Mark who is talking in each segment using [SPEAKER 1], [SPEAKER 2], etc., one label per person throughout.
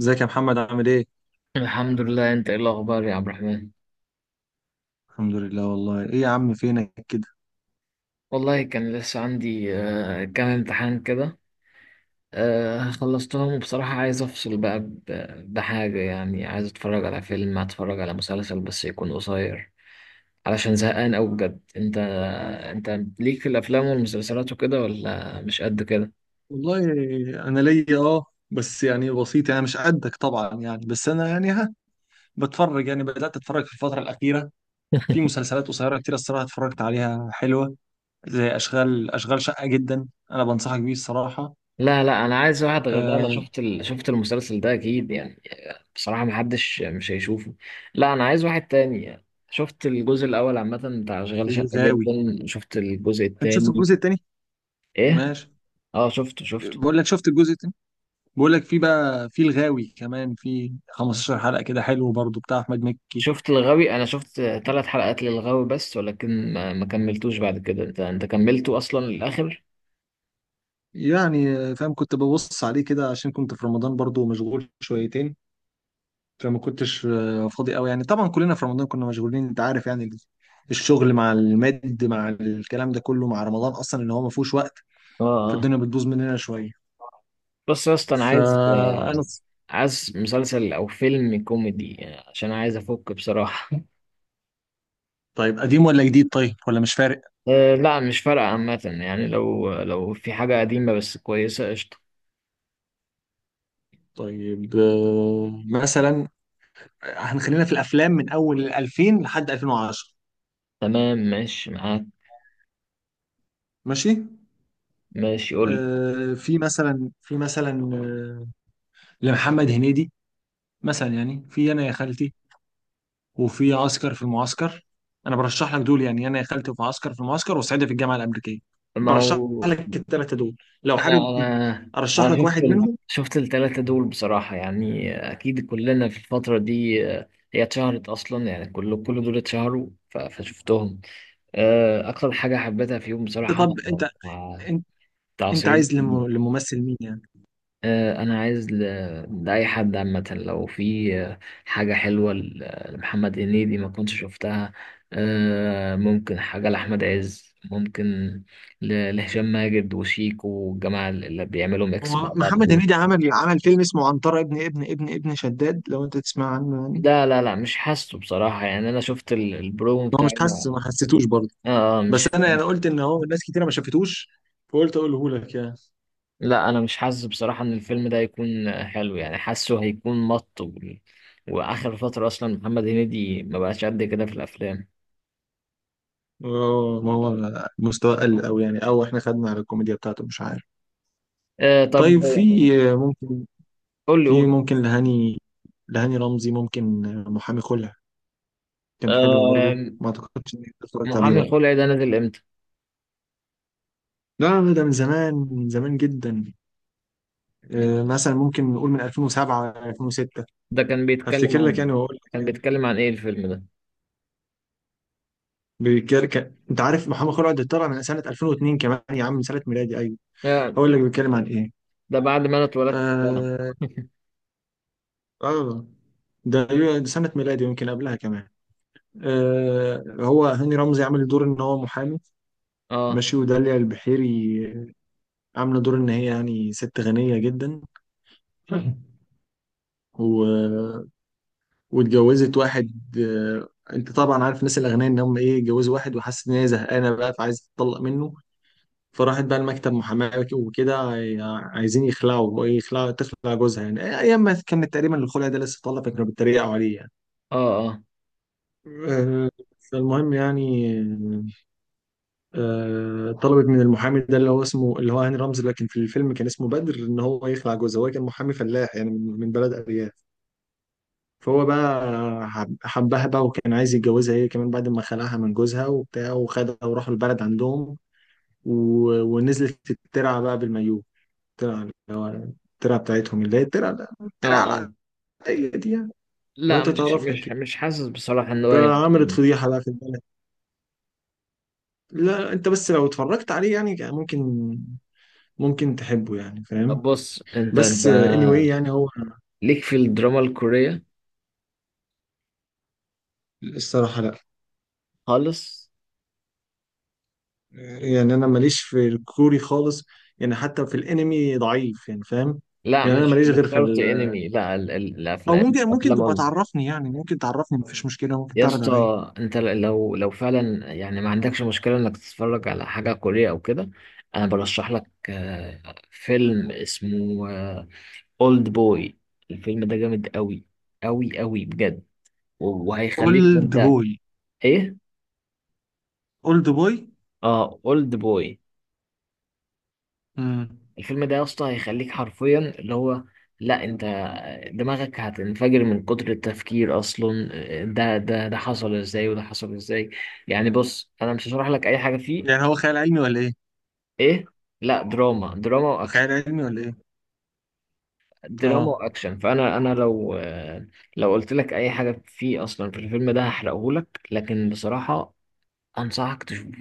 [SPEAKER 1] ازيك يا محمد، عامل ايه؟
[SPEAKER 2] الحمد لله، انت ايه الاخبار يا عبد الرحمن؟
[SPEAKER 1] الحمد لله. والله ايه يا عم، فينك كده.
[SPEAKER 2] والله كان لسه عندي كام امتحان كده. خلصتهم، وبصراحة عايز افصل بقى بحاجة، يعني عايز اتفرج على فيلم، اتفرج على مسلسل بس يكون قصير، علشان زهقان اوي بجد. انت انت ليك في الافلام والمسلسلات وكده ولا مش قد كده؟
[SPEAKER 1] والله، انا ليا بس يعني بسيط، يعني مش قدك طبعا، يعني بس انا يعني بتفرج. يعني بدات اتفرج في الفتره الاخيره في مسلسلات قصيره كتير، الصراحه اتفرجت عليها حلوه، زي اشغال شقه جدا. انا بنصحك بيه الصراحه.
[SPEAKER 2] لا، لا، انا عايز واحد غير ده. انا
[SPEAKER 1] آه.
[SPEAKER 2] شفت شفت المسلسل ده اكيد يعني. بصراحة محدش مش هيشوفه. لا، أنا عايز واحد تاني. شفت الجزء الأول عامة بتاع أشغال شقة
[SPEAKER 1] الغاوي.
[SPEAKER 2] جدا، شفت الجزء
[SPEAKER 1] انت شفت
[SPEAKER 2] التاني.
[SPEAKER 1] الجزء التاني؟
[SPEAKER 2] إيه؟
[SPEAKER 1] ماشي.
[SPEAKER 2] أه، شفته شفته.
[SPEAKER 1] بقول لك شفت الجزء التاني. بقول لك في بقى، في الغاوي كمان في 15 حلقه كده، حلو برضو، بتاع احمد مكي.
[SPEAKER 2] شفت الغاوي، أنا شفت ثلاث حلقات للغاوي بس، ولكن ما كملتوش. بعد كده أنت كملته أصلا للآخر؟
[SPEAKER 1] يعني فاهم، كنت ببص عليه كده عشان كنت في رمضان برضو مشغول شويتين، فما كنتش فاضي قوي. يعني طبعا كلنا في رمضان كنا مشغولين، انت عارف. يعني الشغل مع المد، مع الكلام ده كله مع رمضان، اصلا ان هو ما فيهوش وقت.
[SPEAKER 2] أه، أه.
[SPEAKER 1] فالدنيا بتبوظ مننا شويه.
[SPEAKER 2] بص يا اسطى، أنا عايز
[SPEAKER 1] فانا...
[SPEAKER 2] عايز مسلسل أو فيلم كوميدي، يعني عشان عايز أفك بصراحة.
[SPEAKER 1] طيب، قديم ولا جديد؟ طيب، ولا مش فارق.
[SPEAKER 2] أه، لا، مش فارقة عامة، يعني لو في حاجة قديمة بس كويسة قشطة.
[SPEAKER 1] طيب مثلا هنخلينا في الافلام من اول 2000 لحد 2010.
[SPEAKER 2] تمام ماشي معاك.
[SPEAKER 1] ماشي.
[SPEAKER 2] ماشي، قول لي.
[SPEAKER 1] آه، في مثلا في مثلا آه، لمحمد هنيدي مثلا، يعني في انا يا خالتي، وفي عسكر في المعسكر. انا برشح لك دول، يعني انا يا خالتي، وفي عسكر في المعسكر، وصعيدي في الجامعه الامريكيه.
[SPEAKER 2] ما
[SPEAKER 1] برشح
[SPEAKER 2] هو
[SPEAKER 1] لك الثلاثه دول، لو
[SPEAKER 2] انا
[SPEAKER 1] حابب
[SPEAKER 2] انا
[SPEAKER 1] ارشح
[SPEAKER 2] انا
[SPEAKER 1] لك
[SPEAKER 2] شفت
[SPEAKER 1] واحد منهم.
[SPEAKER 2] شفت الثلاثه دول بصراحه، يعني اكيد كلنا في الفتره دي هي اتشهرت اصلا، يعني كل دول اتشهروا فشفتهم. اكتر حاجه حبيتها فيهم
[SPEAKER 1] انت
[SPEAKER 2] بصراحه،
[SPEAKER 1] طب انت
[SPEAKER 2] آه،
[SPEAKER 1] انت,
[SPEAKER 2] بتاع
[SPEAKER 1] انت
[SPEAKER 2] صعيدي.
[SPEAKER 1] عايز لممثل مين يعني؟
[SPEAKER 2] انا عايز لاي حد عامه، لو في حاجه حلوه لمحمد هنيدي ما كنتش شفتها. ممكن حاجه لاحمد عز ممكن، لهشام ماجد وشيكو والجماعه اللي بيعملوا ميكس مع
[SPEAKER 1] هو
[SPEAKER 2] بعض
[SPEAKER 1] محمد
[SPEAKER 2] دول.
[SPEAKER 1] هنيدي عمل فيلم اسمه عنترة ابن شداد، لو انت تسمع عنه يعني.
[SPEAKER 2] لا، لا، لا، مش حاسه بصراحه، يعني انا شفت البرومو
[SPEAKER 1] هو
[SPEAKER 2] بتاع
[SPEAKER 1] مش حاسس،
[SPEAKER 2] اه
[SPEAKER 1] ما حسيتوش برضه، بس
[SPEAKER 2] مش.
[SPEAKER 1] انا يعني قلت ان هو ناس كتيره ما شافتوش، فقلت اقوله لك يعني.
[SPEAKER 2] لا، انا مش حاسس بصراحه ان الفيلم ده هيكون حلو، يعني حاسه هيكون مط واخر فتره اصلا محمد هنيدي ما بقاش قد كده في الافلام.
[SPEAKER 1] اه، ما هو مستوى قل أوي، يعني أو إحنا خدنا على الكوميديا بتاعته، مش عارف.
[SPEAKER 2] طب
[SPEAKER 1] طيب، في ممكن،
[SPEAKER 2] قول لي
[SPEAKER 1] في
[SPEAKER 2] قول
[SPEAKER 1] ممكن لهاني رمزي، ممكن محامي خلع. كان حلو برضه،
[SPEAKER 2] آه
[SPEAKER 1] ما أعتقدش إني اتفرجت عليه
[SPEAKER 2] محامي
[SPEAKER 1] بقى.
[SPEAKER 2] الخلع ده نزل امتى؟
[SPEAKER 1] لا لا، ده من زمان، من زمان جدا. مثلا ممكن نقول من 2007، 2006.
[SPEAKER 2] ده كان بيتكلم
[SPEAKER 1] هفتكر لك
[SPEAKER 2] عن،
[SPEAKER 1] يعني، وأقول لك
[SPEAKER 2] كان
[SPEAKER 1] يعني.
[SPEAKER 2] بيتكلم عن ايه الفيلم ده؟
[SPEAKER 1] بيتكلم أنت عارف، محمد خلع ده طلع من سنة 2002 كمان يا عم، من سنة ميلادي، أيوه.
[SPEAKER 2] آه.
[SPEAKER 1] هقول لك بيتكلم عن إيه.
[SPEAKER 2] ده بعد ما انا اتولدت بسنة.
[SPEAKER 1] آه. آه. ده ده سنة ميلادي، يمكن قبلها كمان. هو هاني رمزي عامل دور ان هو محامي.
[SPEAKER 2] اه،
[SPEAKER 1] ماشي. وداليا البحيري عامله دور ان هي يعني ست غنيه جدا، و... واتجوزت واحد. آه، انت طبعا عارف الناس الاغنياء ان هم ايه، اتجوزوا واحد وحست ان هي زهقانه بقى، فعايزه تطلق منه. فراحت بقى المكتب محاماه وكده، عايزين يخلعوا، تخلع جوزها يعني. ايام ما كانت تقريبا الخلع ده لسه طالع، فكانوا بيتريقوا عليه يعني.
[SPEAKER 2] اه. اه،
[SPEAKER 1] آه، فالمهم يعني، طلبت من المحامي ده اللي هو اسمه اللي هو هاني رمزي، لكن في الفيلم كان اسمه بدر، ان هو يخلع جوزها. هو كان محامي فلاح يعني، من بلد ارياف. فهو بقى حبها بقى، وكان عايز يتجوزها هي كمان بعد ما خلعها من جوزها وبتاع، وخدها وراحوا البلد عندهم، و... ونزلت الترعه بقى بالمايوه. الترعه اللي هو، الترعه بتاعتهم، اللي هي الترعه،
[SPEAKER 2] اه، اه.
[SPEAKER 1] العاديه دي يعني، لو
[SPEAKER 2] لا،
[SPEAKER 1] انت
[SPEAKER 2] مش
[SPEAKER 1] تعرفها
[SPEAKER 2] مش
[SPEAKER 1] كده.
[SPEAKER 2] مش حاسس بصراحة ان هو يعني
[SPEAKER 1] فعملت
[SPEAKER 2] فيلم.
[SPEAKER 1] فضيحه بقى في البلد. لا، انت بس لو اتفرجت عليه يعني ممكن، ممكن تحبه يعني،
[SPEAKER 2] طب
[SPEAKER 1] فاهم؟
[SPEAKER 2] بص، انت
[SPEAKER 1] بس anyway، يعني هو.
[SPEAKER 2] ليك في الدراما الكورية
[SPEAKER 1] الصراحة لا،
[SPEAKER 2] خالص؟
[SPEAKER 1] يعني أنا ماليش في الكوري خالص، يعني حتى في الأنمي ضعيف يعني، فاهم.
[SPEAKER 2] لا،
[SPEAKER 1] يعني أنا
[SPEAKER 2] مش
[SPEAKER 1] ماليش غير
[SPEAKER 2] مش
[SPEAKER 1] في
[SPEAKER 2] شرط
[SPEAKER 1] ال...
[SPEAKER 2] انمي، لا،
[SPEAKER 1] أو
[SPEAKER 2] الافلام
[SPEAKER 1] ممكن تبقى
[SPEAKER 2] افلام.
[SPEAKER 1] تعرفني يعني، ممكن تعرفني، مفيش مشكلة، ممكن
[SPEAKER 2] يا
[SPEAKER 1] تعرض عليا.
[SPEAKER 2] اسطى، انت لو فعلا يعني ما عندكش مشكله انك تتفرج على حاجه كوريه او كده، انا برشح لك فيلم اسمه اولد بوي. الفيلم ده جامد قوي، قوي، قوي بجد وهيخليك،
[SPEAKER 1] أولد
[SPEAKER 2] وانت
[SPEAKER 1] بوي.
[SPEAKER 2] ايه؟
[SPEAKER 1] أولد بوي.
[SPEAKER 2] اه، اولد بوي.
[SPEAKER 1] امم
[SPEAKER 2] الفيلم ده يا اسطى هيخليك حرفيا اللي هو، لا انت دماغك هتنفجر من كتر التفكير اصلا. ده حصل ازاي، وده حصل ازاي. يعني بص، انا مش هشرح لك اي حاجه فيه.
[SPEAKER 1] يعني هو خيال علمي ولا إيه؟
[SPEAKER 2] ايه؟ لا، دراما، دراما
[SPEAKER 1] خيال
[SPEAKER 2] واكشن.
[SPEAKER 1] علمي ولا إيه؟
[SPEAKER 2] دراما
[SPEAKER 1] آه.
[SPEAKER 2] واكشن. فانا لو لو قلت لك اي حاجه فيه اصلا في الفيلم ده هحرقه لك، لكن بصراحه انصحك تشوفه.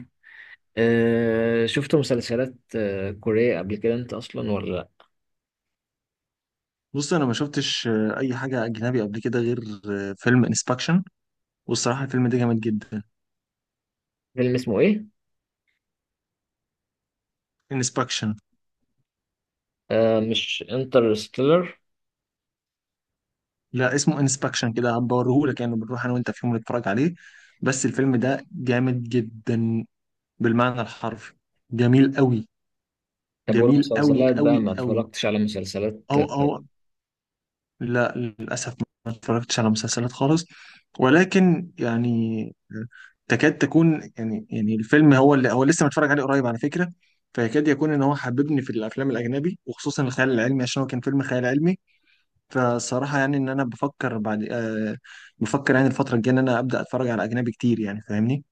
[SPEAKER 2] أه، شفت مسلسلات كوريه قبل كده انت اصلا ولا لا؟
[SPEAKER 1] بص، أنا ما شفتش أي حاجة أجنبي قبل كده غير فيلم انسبكشن، والصراحة الفيلم ده جامد جدا.
[SPEAKER 2] فيلم اسمه ايه؟
[SPEAKER 1] انسبكشن.
[SPEAKER 2] أه، مش انترستيلر؟
[SPEAKER 1] لا، اسمه انسبكشن كده، هبوريهولك يعني، بنروح انا وانت في يوم نتفرج عليه. بس الفيلم ده جامد جدا، بالمعنى الحرفي. جميل قوي.
[SPEAKER 2] طب
[SPEAKER 1] جميل قوي
[SPEAKER 2] والمسلسلات بقى
[SPEAKER 1] قوي
[SPEAKER 2] ما
[SPEAKER 1] قوي.
[SPEAKER 2] اتفرجتش على مسلسلات
[SPEAKER 1] او... او... لا، للاسف ما اتفرجتش على مسلسلات خالص، ولكن يعني تكاد تكون يعني، الفيلم هو اللي هو لسه متفرج عليه قريب على فكرة. فيكاد يكون ان هو حببني في الافلام الاجنبي، وخصوصا الخيال العلمي عشان هو كان فيلم خيال علمي. فصراحة يعني إن أنا بفكر بعد، بفكر يعني الفترة الجاية إن أنا أبدأ أتفرج على أجنبي كتير، يعني فاهمني.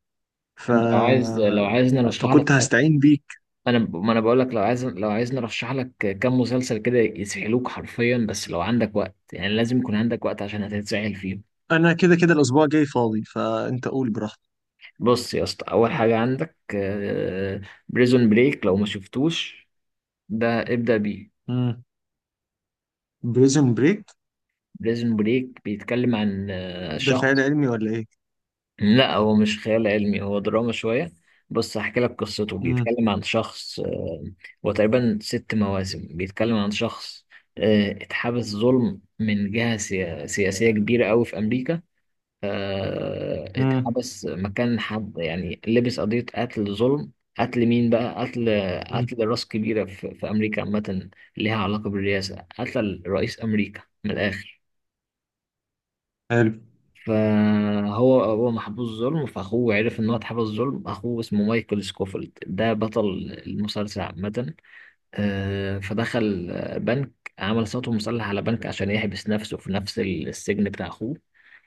[SPEAKER 1] ف...
[SPEAKER 2] انت لو عايزني أنا اشرح لك.
[SPEAKER 1] فكنت هستعين بيك.
[SPEAKER 2] انا ما بقول لك، لو عايزني ارشح لك كام مسلسل كده يسحلوك حرفيا، بس لو عندك وقت، يعني لازم يكون عندك وقت عشان هتتسحل فيهم.
[SPEAKER 1] أنا كده كده الأسبوع الجاي فاضي، فأنت قول براحتك.
[SPEAKER 2] بص يا اسطى، اول حاجه عندك بريزون بريك. لو ما شفتوش، ده ابدا بيه.
[SPEAKER 1] امم. بريزون بريك
[SPEAKER 2] بريزون بريك بيتكلم عن
[SPEAKER 1] ده خيال
[SPEAKER 2] شخص.
[SPEAKER 1] علمي ولا إيه؟
[SPEAKER 2] لا، هو مش خيال علمي، هو دراما شوية. بص، هحكي لك قصته.
[SPEAKER 1] امم.
[SPEAKER 2] بيتكلم عن شخص هو تقريبا ست مواسم. بيتكلم عن شخص اتحبس ظلم من جهة سياسية كبيرة أوي في أمريكا.
[SPEAKER 1] امم.
[SPEAKER 2] اتحبس مكان حد، يعني لبس قضية قتل ظلم. قتل مين بقى؟ قتل
[SPEAKER 1] امم.
[SPEAKER 2] قتل راس كبيرة في أمريكا عامة، ليها علاقة بالرئاسة، قتل رئيس أمريكا من الآخر.
[SPEAKER 1] حلو.
[SPEAKER 2] فهو محبوس ظلم، فاخوه عرف ان هو اتحبس ظلم. اخوه اسمه مايكل سكوفيلد، ده بطل المسلسل عامة. فدخل بنك، عمل صوته مسلح على بنك عشان يحبس نفسه في نفس السجن بتاع اخوه.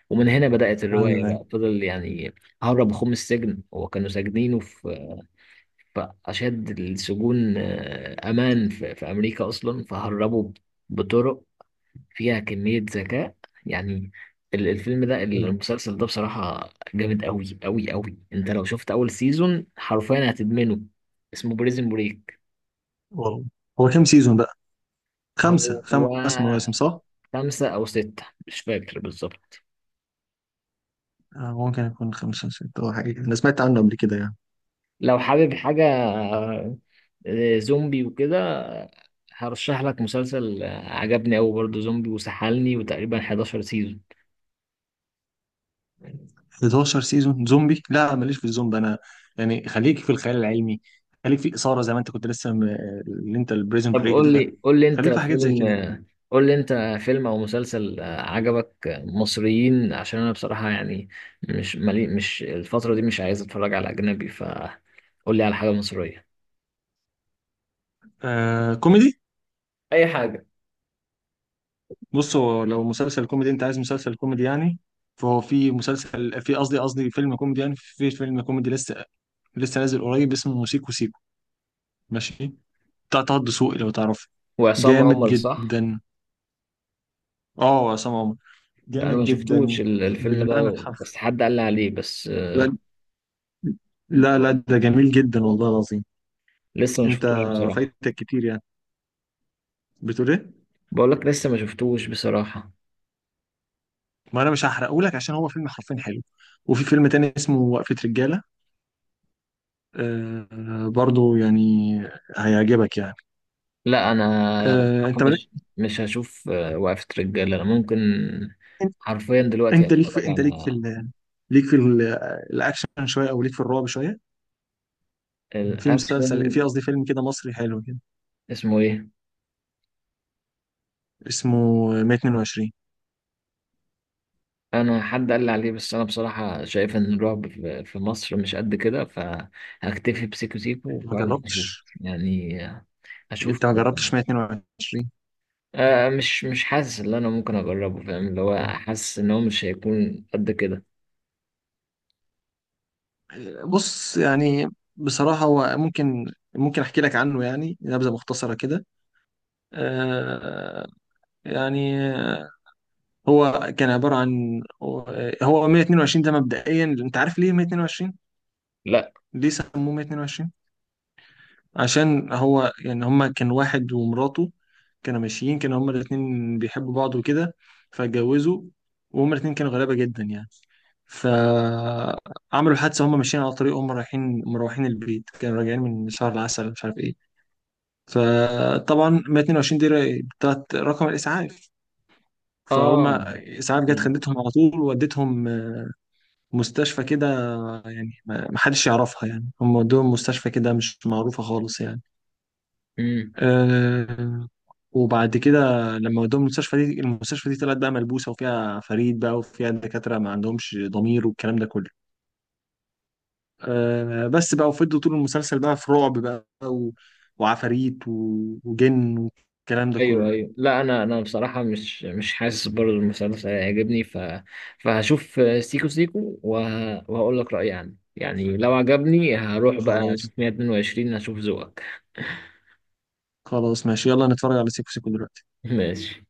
[SPEAKER 2] ومن هنا بدأت الرواية،
[SPEAKER 1] أيوه، أيوه.
[SPEAKER 2] بقى فضل يعني هرب اخوه من السجن. هو كانوا ساجنينه في أشد السجون أمان في أمريكا أصلا، فهربوا بطرق فيها كمية ذكاء. يعني ال- الفيلم ده
[SPEAKER 1] حلو.
[SPEAKER 2] المسلسل ده بصراحة جامد أوي، أوي، أوي. أنت لو شفت أول سيزون حرفيا هتدمنه. اسمه بريزن بريك.
[SPEAKER 1] والله. هو كام سيزون بقى؟ خمسة،
[SPEAKER 2] هو
[SPEAKER 1] خمس مواسم، صح؟
[SPEAKER 2] خمسة أو ستة، مش فاكر بالظبط.
[SPEAKER 1] آه، ممكن يكون خمسة ستة أو حاجة، أنا سمعت عنه قبل كده يعني.
[SPEAKER 2] لو حابب حاجة زومبي وكده، هرشح لك مسلسل عجبني أوي برضه زومبي وسحلني، وتقريبا 11 سيزون.
[SPEAKER 1] 11 سيزون زومبي؟ لا، ماليش في الزومبي انا. يعني خليك في الخيال العلمي، خليك في الاثاره زي ما انت كنت لسه اللي انت البريزن
[SPEAKER 2] طب
[SPEAKER 1] بريك
[SPEAKER 2] قول
[SPEAKER 1] ده.
[SPEAKER 2] لي قول لي أنت
[SPEAKER 1] خليك في حاجات زي
[SPEAKER 2] فيلم،
[SPEAKER 1] كده.
[SPEAKER 2] قول لي انت فيلم او مسلسل عجبك مصريين، عشان انا بصراحة يعني مش الفترة دي مش عايز اتفرج على اجنبي، فقول لي على حاجة مصرية.
[SPEAKER 1] آه، كوميدي.
[SPEAKER 2] اي حاجه.
[SPEAKER 1] بص، هو لو مسلسل كوميدي انت عايز، مسلسل كوميدي يعني، فهو في مسلسل، في قصدي فيلم كوميدي يعني، في فيلم كوميدي لسه، نازل قريب اسمه سيكو سيكو. ماشي. بتاع طه دسوقي لو تعرفه.
[SPEAKER 2] وعصام
[SPEAKER 1] جامد
[SPEAKER 2] عمر، صح؟
[SPEAKER 1] جدا. اه، عصام عمر.
[SPEAKER 2] انا
[SPEAKER 1] جامد
[SPEAKER 2] ما
[SPEAKER 1] جدا،
[SPEAKER 2] شفتوش الفيلم
[SPEAKER 1] بالمعنى
[SPEAKER 2] ده،
[SPEAKER 1] الحرفي.
[SPEAKER 2] بس حد قال لي عليه، بس
[SPEAKER 1] لا. لا لا، ده جميل جدا والله العظيم.
[SPEAKER 2] لسه ما
[SPEAKER 1] انت
[SPEAKER 2] شفتوش بصراحة.
[SPEAKER 1] فايتك كتير يعني. بتقول ايه؟
[SPEAKER 2] بقول لك لسه ما شفتوش بصراحة.
[SPEAKER 1] ما انا مش هحرقه لك عشان هو فيلم حرفيا حلو. وفي فيلم تاني اسمه وقفة رجالة، برضو يعني هيعجبك يعني.
[SPEAKER 2] لا، انا
[SPEAKER 1] آه،
[SPEAKER 2] بصراحة
[SPEAKER 1] انت مالك؟
[SPEAKER 2] مش، مش هشوف وقفة رجالة. انا ممكن
[SPEAKER 1] انت.
[SPEAKER 2] حرفيا دلوقتي اتفرج
[SPEAKER 1] انت
[SPEAKER 2] على
[SPEAKER 1] ليك في ال... ليك في ال... الاكشن شوية، او ليك في الرعب شوية. في مسلسل، في
[SPEAKER 2] الاكشن.
[SPEAKER 1] قصدي فيلم كده مصري حلو كده،
[SPEAKER 2] اسمه ايه؟
[SPEAKER 1] اسمه 122.
[SPEAKER 2] انا حد قال لي عليه، بس انا بصراحه شايف ان الرعب في مصر مش قد كده، فهكتفي بسيكو سيكو
[SPEAKER 1] انت ما
[SPEAKER 2] وفعلا هشوف،
[SPEAKER 1] جربتش،
[SPEAKER 2] يعني هشوف.
[SPEAKER 1] 122.
[SPEAKER 2] مش حاسس ان انا ممكن اجربه، فاهم؟ اللي هو حاسس ان هو مش هيكون قد كده.
[SPEAKER 1] بص يعني، بصراحة هو ممكن، ممكن أحكي لك عنه يعني، نبذة مختصرة كده. آه، يعني هو كان عبارة عن. هو 122 ده مبدئيا، أنت عارف ليه 122؟
[SPEAKER 2] لا.
[SPEAKER 1] ليه سموه 122؟ عشان هو يعني، هما كان واحد ومراته، كانوا ماشيين، كانوا هما الاتنين بيحبوا بعض وكده، فاتجوزوا، وهما الاتنين كانوا غلابة جدا يعني. فعملوا حادثة، هما ماشيين على طريق، هما رايحين مروحين البيت، كانوا راجعين من شهر العسل، مش عارف إيه. فطبعا 122 دي بتاعت رقم الاسعاف، فهم
[SPEAKER 2] اه.
[SPEAKER 1] اسعاف جت خدتهم على طول وودتهم مستشفى كده. يعني ما حدش يعرفها يعني، هم ودوهم مستشفى كده مش معروفه خالص يعني.
[SPEAKER 2] امم.
[SPEAKER 1] أه. وبعد كده لما ودوهم المستشفى دي، المستشفى دي طلعت بقى ملبوسه، وفيها فريد بقى، وفيها دكاتره ما عندهمش ضمير والكلام ده كله. أه، بس بقى. وفضلوا طول المسلسل بقى في رعب بقى، و... وعفاريت و... وجن والكلام ده
[SPEAKER 2] ايوه،
[SPEAKER 1] كله.
[SPEAKER 2] ايوه، لا، انا بصراحه مش حاسس برضه المسلسل هيعجبني. ف فهشوف سيكو سيكو وهقول لك رايي عنه، يعني لو عجبني هروح بقى
[SPEAKER 1] خلاص.
[SPEAKER 2] اشوف 122، هشوف ذوقك.
[SPEAKER 1] خلاص، ماشي، يلا نتفرج على سيكو سيكو دلوقتي.
[SPEAKER 2] ماشي.